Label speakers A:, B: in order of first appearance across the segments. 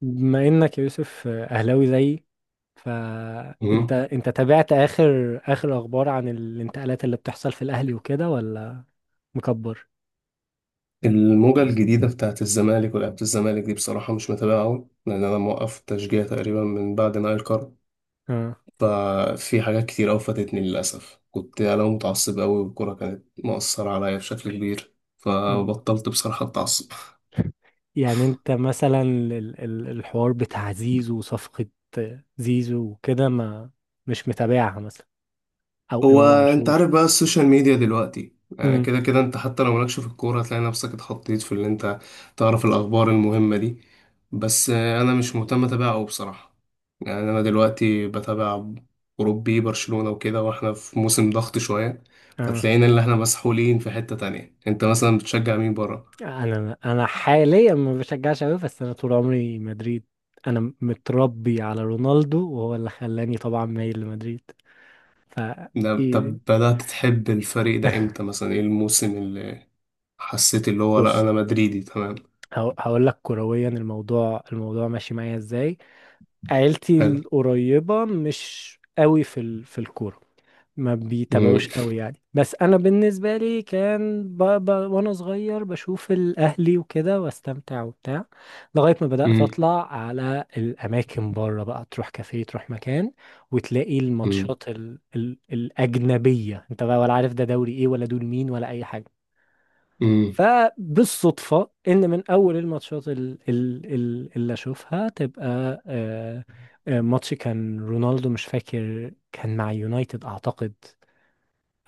A: بما انك يا يوسف اهلاوي زيي، فانت
B: مم.
A: انت تابعت اخر اخبار عن الانتقالات اللي بتحصل في الاهلي وكده ولا مكبر؟
B: الموجة الجديدة بتاعت الزمالك ولعبة الزمالك دي بصراحة مش متابعة أوي، لأن أنا موقف التشجيع تقريبا من بعد نهاية القرن.
A: اه.
B: ففي حاجات كتير أوي فاتتني للأسف. كنت يعني أنا متعصب أوي والكورة كانت مؤثرة عليا بشكل كبير،
A: مم.
B: فبطلت بصراحة أتعصب.
A: يعني انت مثلا الحوار بتاع زيزو وصفقة زيزو وكده، ما مش متابعها مثلا؟ او
B: هو
A: امام
B: انت عارف
A: عاشور؟
B: بقى السوشيال ميديا دلوقتي، يعني
A: امم.
B: كده كده انت حتى لو مالكش في الكورة هتلاقي نفسك اتحطيت في اللي انت تعرف الأخبار المهمة دي. بس آه، أنا مش مهتم أتابع أوي بصراحة. يعني أنا دلوقتي بتابع أوروبي، برشلونة وكده، وإحنا في موسم ضغط شوية،
A: اه.
B: فتلاقينا اللي إحنا مسحولين في حتة تانية. أنت مثلا بتشجع مين برا؟
A: انا حاليا ما بشجعش قوي، بس انا طول عمري مدريد. انا متربي على رونالدو وهو اللي خلاني طبعا مايل لمدريد. ف
B: طب بدأت تحب الفريق ده إمتى؟ مثلا إيه الموسم اللي حسيت اللي هو لأ
A: بص،
B: أنا مدريدي تمام؟
A: هقول لك كرويا الموضوع ماشي معايا ازاي. عيلتي
B: حلو.
A: القريبة مش قوي في الكورة، ما
B: مم.
A: بيتابعوش قوي يعني. بس انا بالنسبة لي كان، وانا صغير بشوف الاهلي وكده واستمتع وبتاع، لغاية ما بدأت اطلع على الاماكن بره بقى، تروح كافيه تروح مكان وتلاقي
B: مم.
A: الماتشات الاجنبية، انت بقى ولا عارف ده دوري ايه ولا دول مين ولا اي حاجة.
B: مم.
A: فبالصدفة إن من أول الماتشات اللي أشوفها تبقى آه، ماتش كان رونالدو، مش فاكر كان مع يونايتد أعتقد.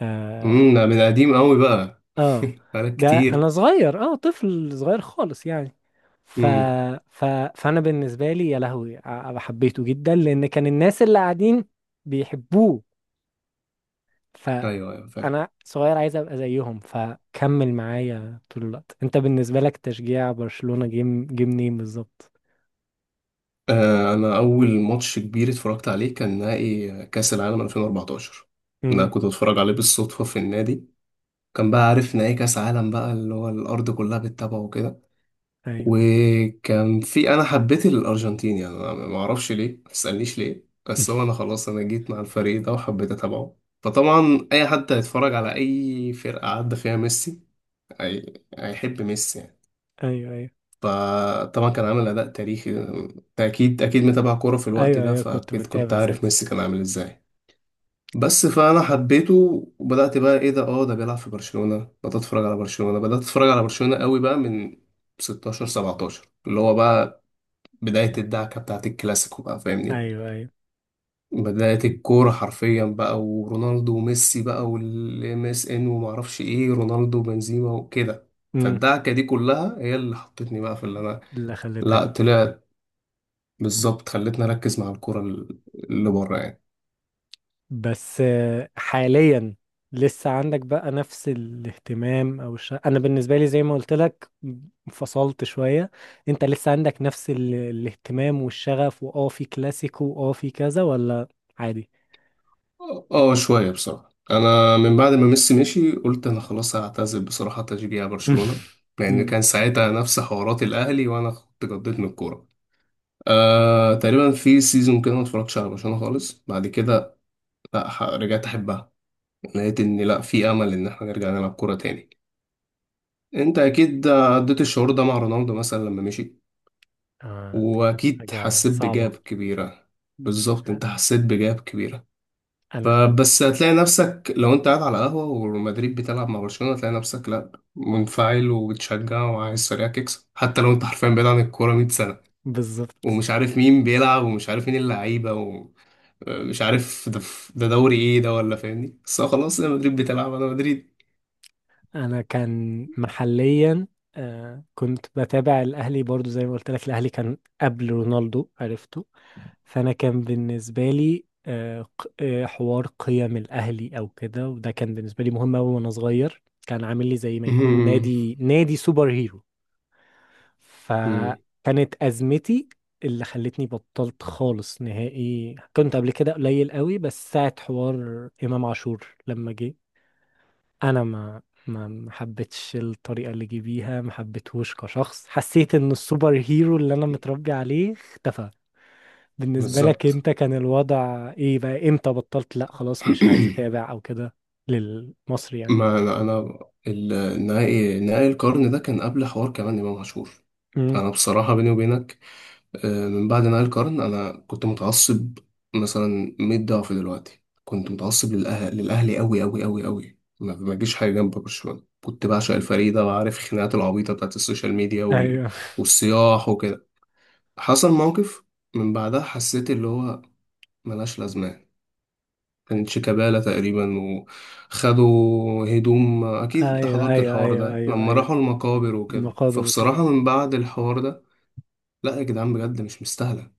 A: آه,
B: امم، ده من قديم قوي بقى.
A: آه
B: بقالك
A: ده أنا
B: كتير.
A: صغير، طفل صغير خالص يعني. ف...
B: امم.
A: ف... فأنا بالنسبة لي يا لهوي حبيته جدا، لأن كان الناس اللي قاعدين بيحبوه.
B: ايوه ايوه، فاهم.
A: انا صغير عايز ابقى زيهم فكمل معايا طول الوقت. انت بالنسبه لك تشجيع برشلونه جيم منين بالظبط؟
B: آه، انا اول ماتش كبير اتفرجت عليه كان نهائي كاس العالم 2014. ده
A: امم.
B: كنت اتفرج عليه بالصدفه في النادي. كان بقى عارف نهائي كاس عالم بقى، اللي هو الارض كلها بتتابعه وكده.
A: ايوه.
B: وكان في، انا حبيت الارجنتين، يعني أنا ما اعرفش ليه، ما تسالنيش ليه، بس هو انا خلاص انا جيت مع الفريق ده وحبيت اتابعه. فطبعا اي حد هيتفرج على اي فرقه عدى فيها ميسي هي- هيحب ميسي يعني.
A: ايوه، ايوه،
B: فطبعا كان عامل اداء تاريخي. أنت اكيد اكيد متابع كوره في الوقت
A: ايوه،
B: ده،
A: ايوه، كنت
B: فاكيد كنت
A: بتابع
B: عارف
A: ساعتها،
B: ميسي كان عامل ازاي. بس فانا حبيته، وبدات بقى ايه ده، اه ده بيلعب في برشلونه. بدات اتفرج على برشلونه، بدات اتفرج على برشلونه قوي بقى من 16 17، اللي هو بقى بدايه الدعكه بتاعت الكلاسيكو بقى، فاهمني،
A: ايوه، ايوه.
B: بدايه الكوره حرفيا بقى، ورونالدو وميسي بقى، والام اس ان ومعرفش ايه، رونالدو وبنزيما وكده.
A: امم.
B: فالدعكه دي كلها هي اللي حطتني بقى في اللي انا،
A: اللي
B: لا
A: خلتك.
B: طلع بالظبط، خلتني اركز مع الكرة اللي بره يعني.
A: بس حاليا لسه عندك بقى نفس الاهتمام، او انا بالنسبه لي زي ما قلت لك، فصلت شويه. انت لسه عندك نفس الاهتمام والشغف، واه في كلاسيكو واه في كذا، ولا عادي؟
B: شويه بصراحه. انا من بعد ما ميسي مشي قلت انا خلاص هعتزل بصراحه تشجيع برشلونه، لان كان ساعتها نفس حوارات الاهلي وانا كنت قضيت من الكوره. آه، تقريبا في سيزون كده ما اتفرجتش على برشلونه خالص. بعد كده لا، رجعت احبها. لقيت ان لا، في امل ان احنا نرجع نلعب كوره تاني. انت اكيد عديت الشعور ده مع رونالدو مثلا لما مشي،
A: آه، كانت
B: واكيد
A: حاجة
B: حسيت بجاب
A: صعبة.
B: كبيره، بالظبط انت حسيت بجاب كبيره.
A: أنا.
B: فبس هتلاقي نفسك لو انت قاعد على قهوة ومدريد بتلعب مع برشلونة، هتلاقي نفسك لا، منفعل وبتشجع وعايز فريقك يكسب، حتى لو انت حرفيا بعيد عن الكورة 100 سنة
A: بالظبط.
B: ومش عارف مين بيلعب ومش عارف مين اللعيبة ومش عارف ده، ده دوري ايه ده ولا، فاهمني، بس هو خلاص انا مدريد بتلعب انا مدريد.
A: أنا كان محليا، آه كنت بتابع الأهلي برضو، زي ما قلت لك الأهلي كان قبل رونالدو عرفته. فأنا كان بالنسبة لي حوار قيم الأهلي أو كده، وده كان بالنسبة لي مهم أوي وأنا صغير. كان عامل لي زي ما يكون
B: مهم.
A: نادي سوبر هيرو.
B: مم.
A: فكانت أزمتي اللي خلتني بطلت خالص نهائي. كنت قبل كده قليل قوي، بس ساعة حوار إمام عاشور لما جه، أنا ما حبيتش الطريقة اللي جه بيها، ما حبيتهوش كشخص. حسيت إن السوبر هيرو اللي أنا متربي عليه اختفى. بالنسبة لك
B: بالظبط.
A: أنت كان الوضع إيه بقى؟ إمتى بطلت لأ خلاص مش عايز أتابع أو كده، للمصري يعني؟
B: ما انا انا النهائي، نهائي القرن ده كان قبل حوار كمان امام عاشور.
A: امم.
B: انا بصراحة بيني وبينك، آه، من بعد نهاية القرن أنا كنت متعصب مثلا 100 ضعف دلوقتي. كنت متعصب للأهل للأهلي أوي أوي أوي أوي، ما جيش حاجة جنب برشلونة. كنت بعشق الفريق ده، وعارف الخناقات العبيطة بتاعت السوشيال ميديا وال...
A: أيوه.
B: والصياح وكده. حصل موقف من بعدها حسيت اللي هو ملهاش لازمة. كانت شيكابالا تقريبا وخدوا هدوم، أكيد أنت
A: أيوه،
B: حضرت
A: أيوه،
B: الحوار
A: أيوه،
B: ده
A: أيوه،
B: لما
A: أيوه.
B: راحوا المقابر وكده،
A: المقابر وكده.
B: فبصراحة من بعد الحوار ده، لا يا جدعان بجد مش مستاهلة.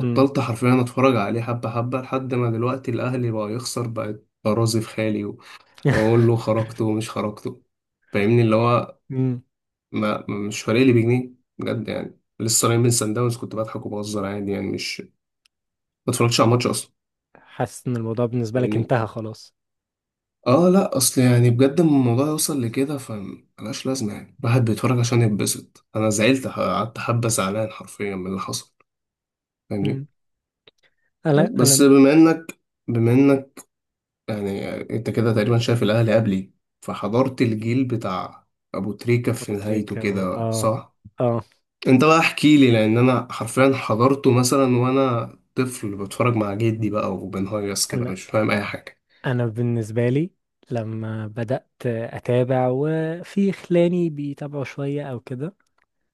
A: امم.
B: حرفيا اتفرج عليه حبة حبة، لحد ما دلوقتي الاهلي بقى يخسر بقت ارازي في خالي واقول له خرجته ومش خرجته، فاهمني اللي هو مش فارق لي بجنيه. بجد يعني لسه راجع من سان داونز كنت بضحك وبهزر عادي، يعني مش، ما اتفرجتش على الماتش اصلا.
A: حاسس ان الموضوع بالنسبة لك
B: فاهمني.
A: انتهى خلاص.
B: اه لا، اصل يعني بجد لما الموضوع يوصل لكده فملهاش لازمة. يعني الواحد بيتفرج عشان يتبسط، انا زعلت، قعدت حبة زعلان حرفيا من اللي حصل. فاهمني.
A: مم. انا.
B: بس
A: انا
B: بما انك يعني انت كده تقريبا شايف الاهلي قبلي، فحضرت
A: مم.
B: الجيل بتاع ابو تريكة في
A: ابو
B: نهايته
A: تريكة
B: كده
A: اه.
B: صح؟
A: اه.
B: انت بقى احكي لي، لان انا حرفيا حضرته مثلا وانا طفل بتفرج مع جدي بقى وبنهيص كده
A: انا
B: مش فاهم اي حاجة.
A: انا بالنسبة لي لما بدأت اتابع وفي خلاني بيتابعوا شوية او كده،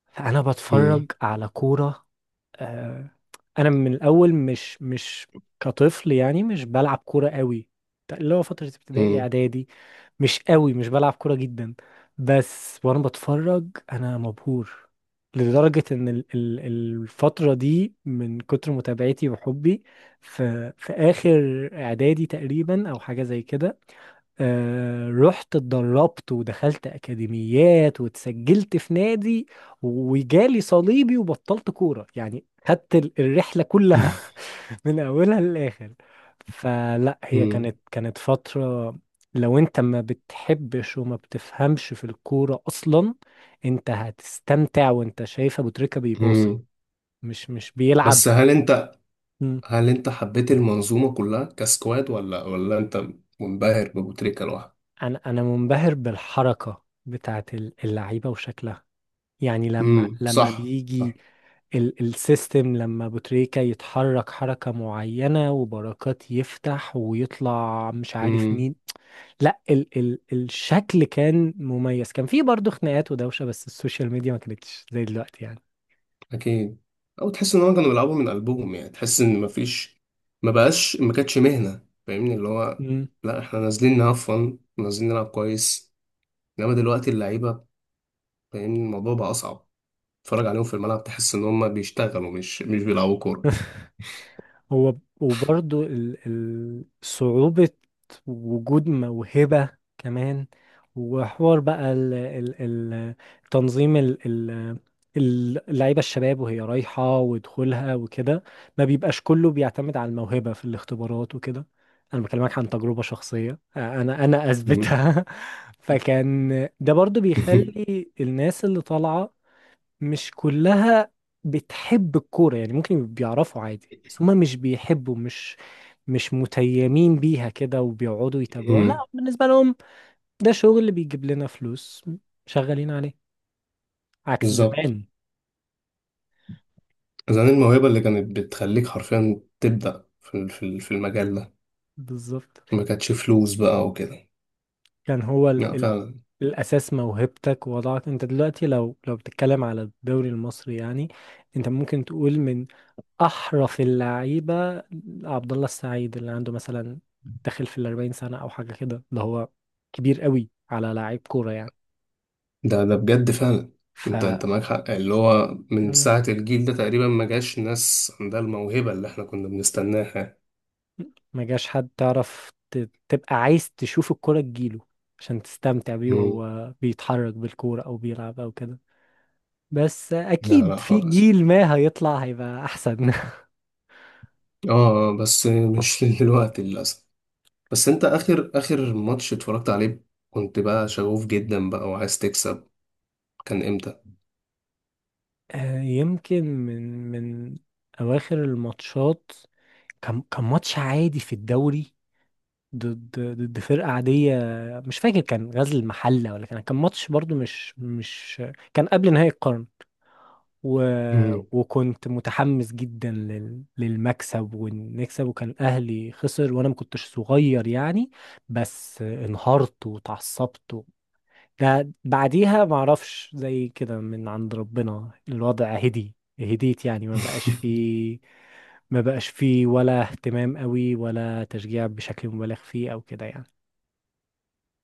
A: فانا
B: مم.
A: بتفرج على كورة. آه، انا من الاول مش كطفل يعني مش بلعب كوره قوي، اللي هو فتره ابتدائي
B: مم.
A: اعدادي مش قوي مش بلعب كوره جدا. بس وانا بتفرج، انا مبهور لدرجه ان الفتره دي، من كتر متابعتي وحبي في في اخر اعدادي تقريبا او حاجه زي كده، رحت اتدربت ودخلت أكاديميات واتسجلت في نادي، وجالي صليبي وبطلت كورة يعني. خدت الرحلة كلها من أولها للآخر. فلا هي
B: مم.
A: كانت فترة، لو انت ما بتحبش وما بتفهمش في الكورة أصلا، انت هتستمتع وانت شايف أبو تريكة بيباصي،
B: مم.
A: مش بيلعب.
B: بس هل انت
A: مم.
B: هل انت حبيت المنظومة كلها كسكواد، ولا انت منبهر بابو تريكة لوحده؟
A: أنا منبهر بالحركة بتاعت اللعيبة وشكلها، يعني لما
B: امم،
A: لما
B: صح.
A: بيجي السيستم، لما بوتريكا يتحرك حركة معينة وبركات يفتح ويطلع مش
B: صح.
A: عارف مين، لا ال ال الشكل كان مميز. كان فيه برضه خناقات ودوشة، بس السوشيال ميديا ما كانتش زي دلوقتي.
B: اكيد، او تحس ان هم كانوا بيلعبوا من قلبهم، يعني تحس ان مفيش، ما بقاش، ما كانتش مهنه، فاهمني اللي هو
A: يعني
B: لا احنا نازلين نهفن نازلين نلعب كويس، انما دلوقتي اللعيبه، فاهمني الموضوع بقى اصعب. تتفرج عليهم في الملعب تحس ان هم بيشتغلوا مش بيلعبوا كوره.
A: هو وبرضه صعوبة وجود موهبة كمان، وحوار بقى ال ال ال تنظيم اللعيبة الشباب وهي رايحة ودخولها وكده. ما بيبقاش كله بيعتمد على الموهبة في الاختبارات وكده. أنا بكلمك عن تجربة شخصية، أنا
B: مم.
A: أثبتها فكان ده برضو بيخلي الناس اللي طالعة مش كلها بتحب الكورة يعني. ممكن بيعرفوا عادي، بس هما مش بيحبوا، مش متيمين بيها كده وبيقعدوا يتابعوها.
B: مم.
A: لا بالنسبة لهم ده شغل اللي بيجيب لنا فلوس، شغالين عليه. عكس
B: بالظبط.
A: زمان.
B: زمان الموهبة اللي كانت بتخليك حرفيا تبدأ في في المجال ده،
A: بالظبط.
B: ما كانتش فلوس بقى وكده.
A: كان هو ال
B: لا
A: ال
B: فعلا،
A: الأساس موهبتك. ووضعك انت دلوقتي لو بتتكلم على الدوري المصري يعني، انت ممكن تقول من احرف اللعيبه عبد الله السعيد، اللي عنده مثلا داخل في الأربعين سنه او حاجه كده، اللي هو كبير قوي على لعيب كوره يعني.
B: ده بجد فعلا.
A: ف
B: انت معاك حق، اللي هو من
A: مم.
B: ساعة الجيل ده تقريبا ما جاش ناس عندها الموهبة اللي احنا كنا بنستناها.
A: ما جاش حد تعرف تبقى عايز تشوف الكوره تجيله عشان تستمتع بيه
B: مم.
A: وهو بيتحرك بالكوره او بيلعب او كده. بس
B: لا
A: اكيد
B: لا
A: في
B: خالص.
A: جيل ما هيطلع هيبقى احسن.
B: اه آه، بس مش دلوقتي للأسف. بس انت آخر آخر ماتش اتفرجت عليه كنت بقى شغوف جدا بقى وعايز تكسب، كان امتى؟
A: يمكن من من اواخر الماتشات. كان ماتش عادي في الدوري، ضد فرقة عادية، مش فاكر كان غزل المحلة ولا كان ماتش برضو مش مش كان قبل نهائي القرن. و...
B: مم.
A: وكنت متحمس جدا للمكسب ونكسب، وكان أهلي خسر وأنا ما كنتش صغير يعني. بس انهارت وتعصبت. و... ده بعديها معرفش، زي كده من عند ربنا الوضع هدي. هديت يعني، ما بقاش فيه ما بقاش فيه ولا اهتمام قوي ولا تشجيع بشكل مبالغ فيه أو كده يعني.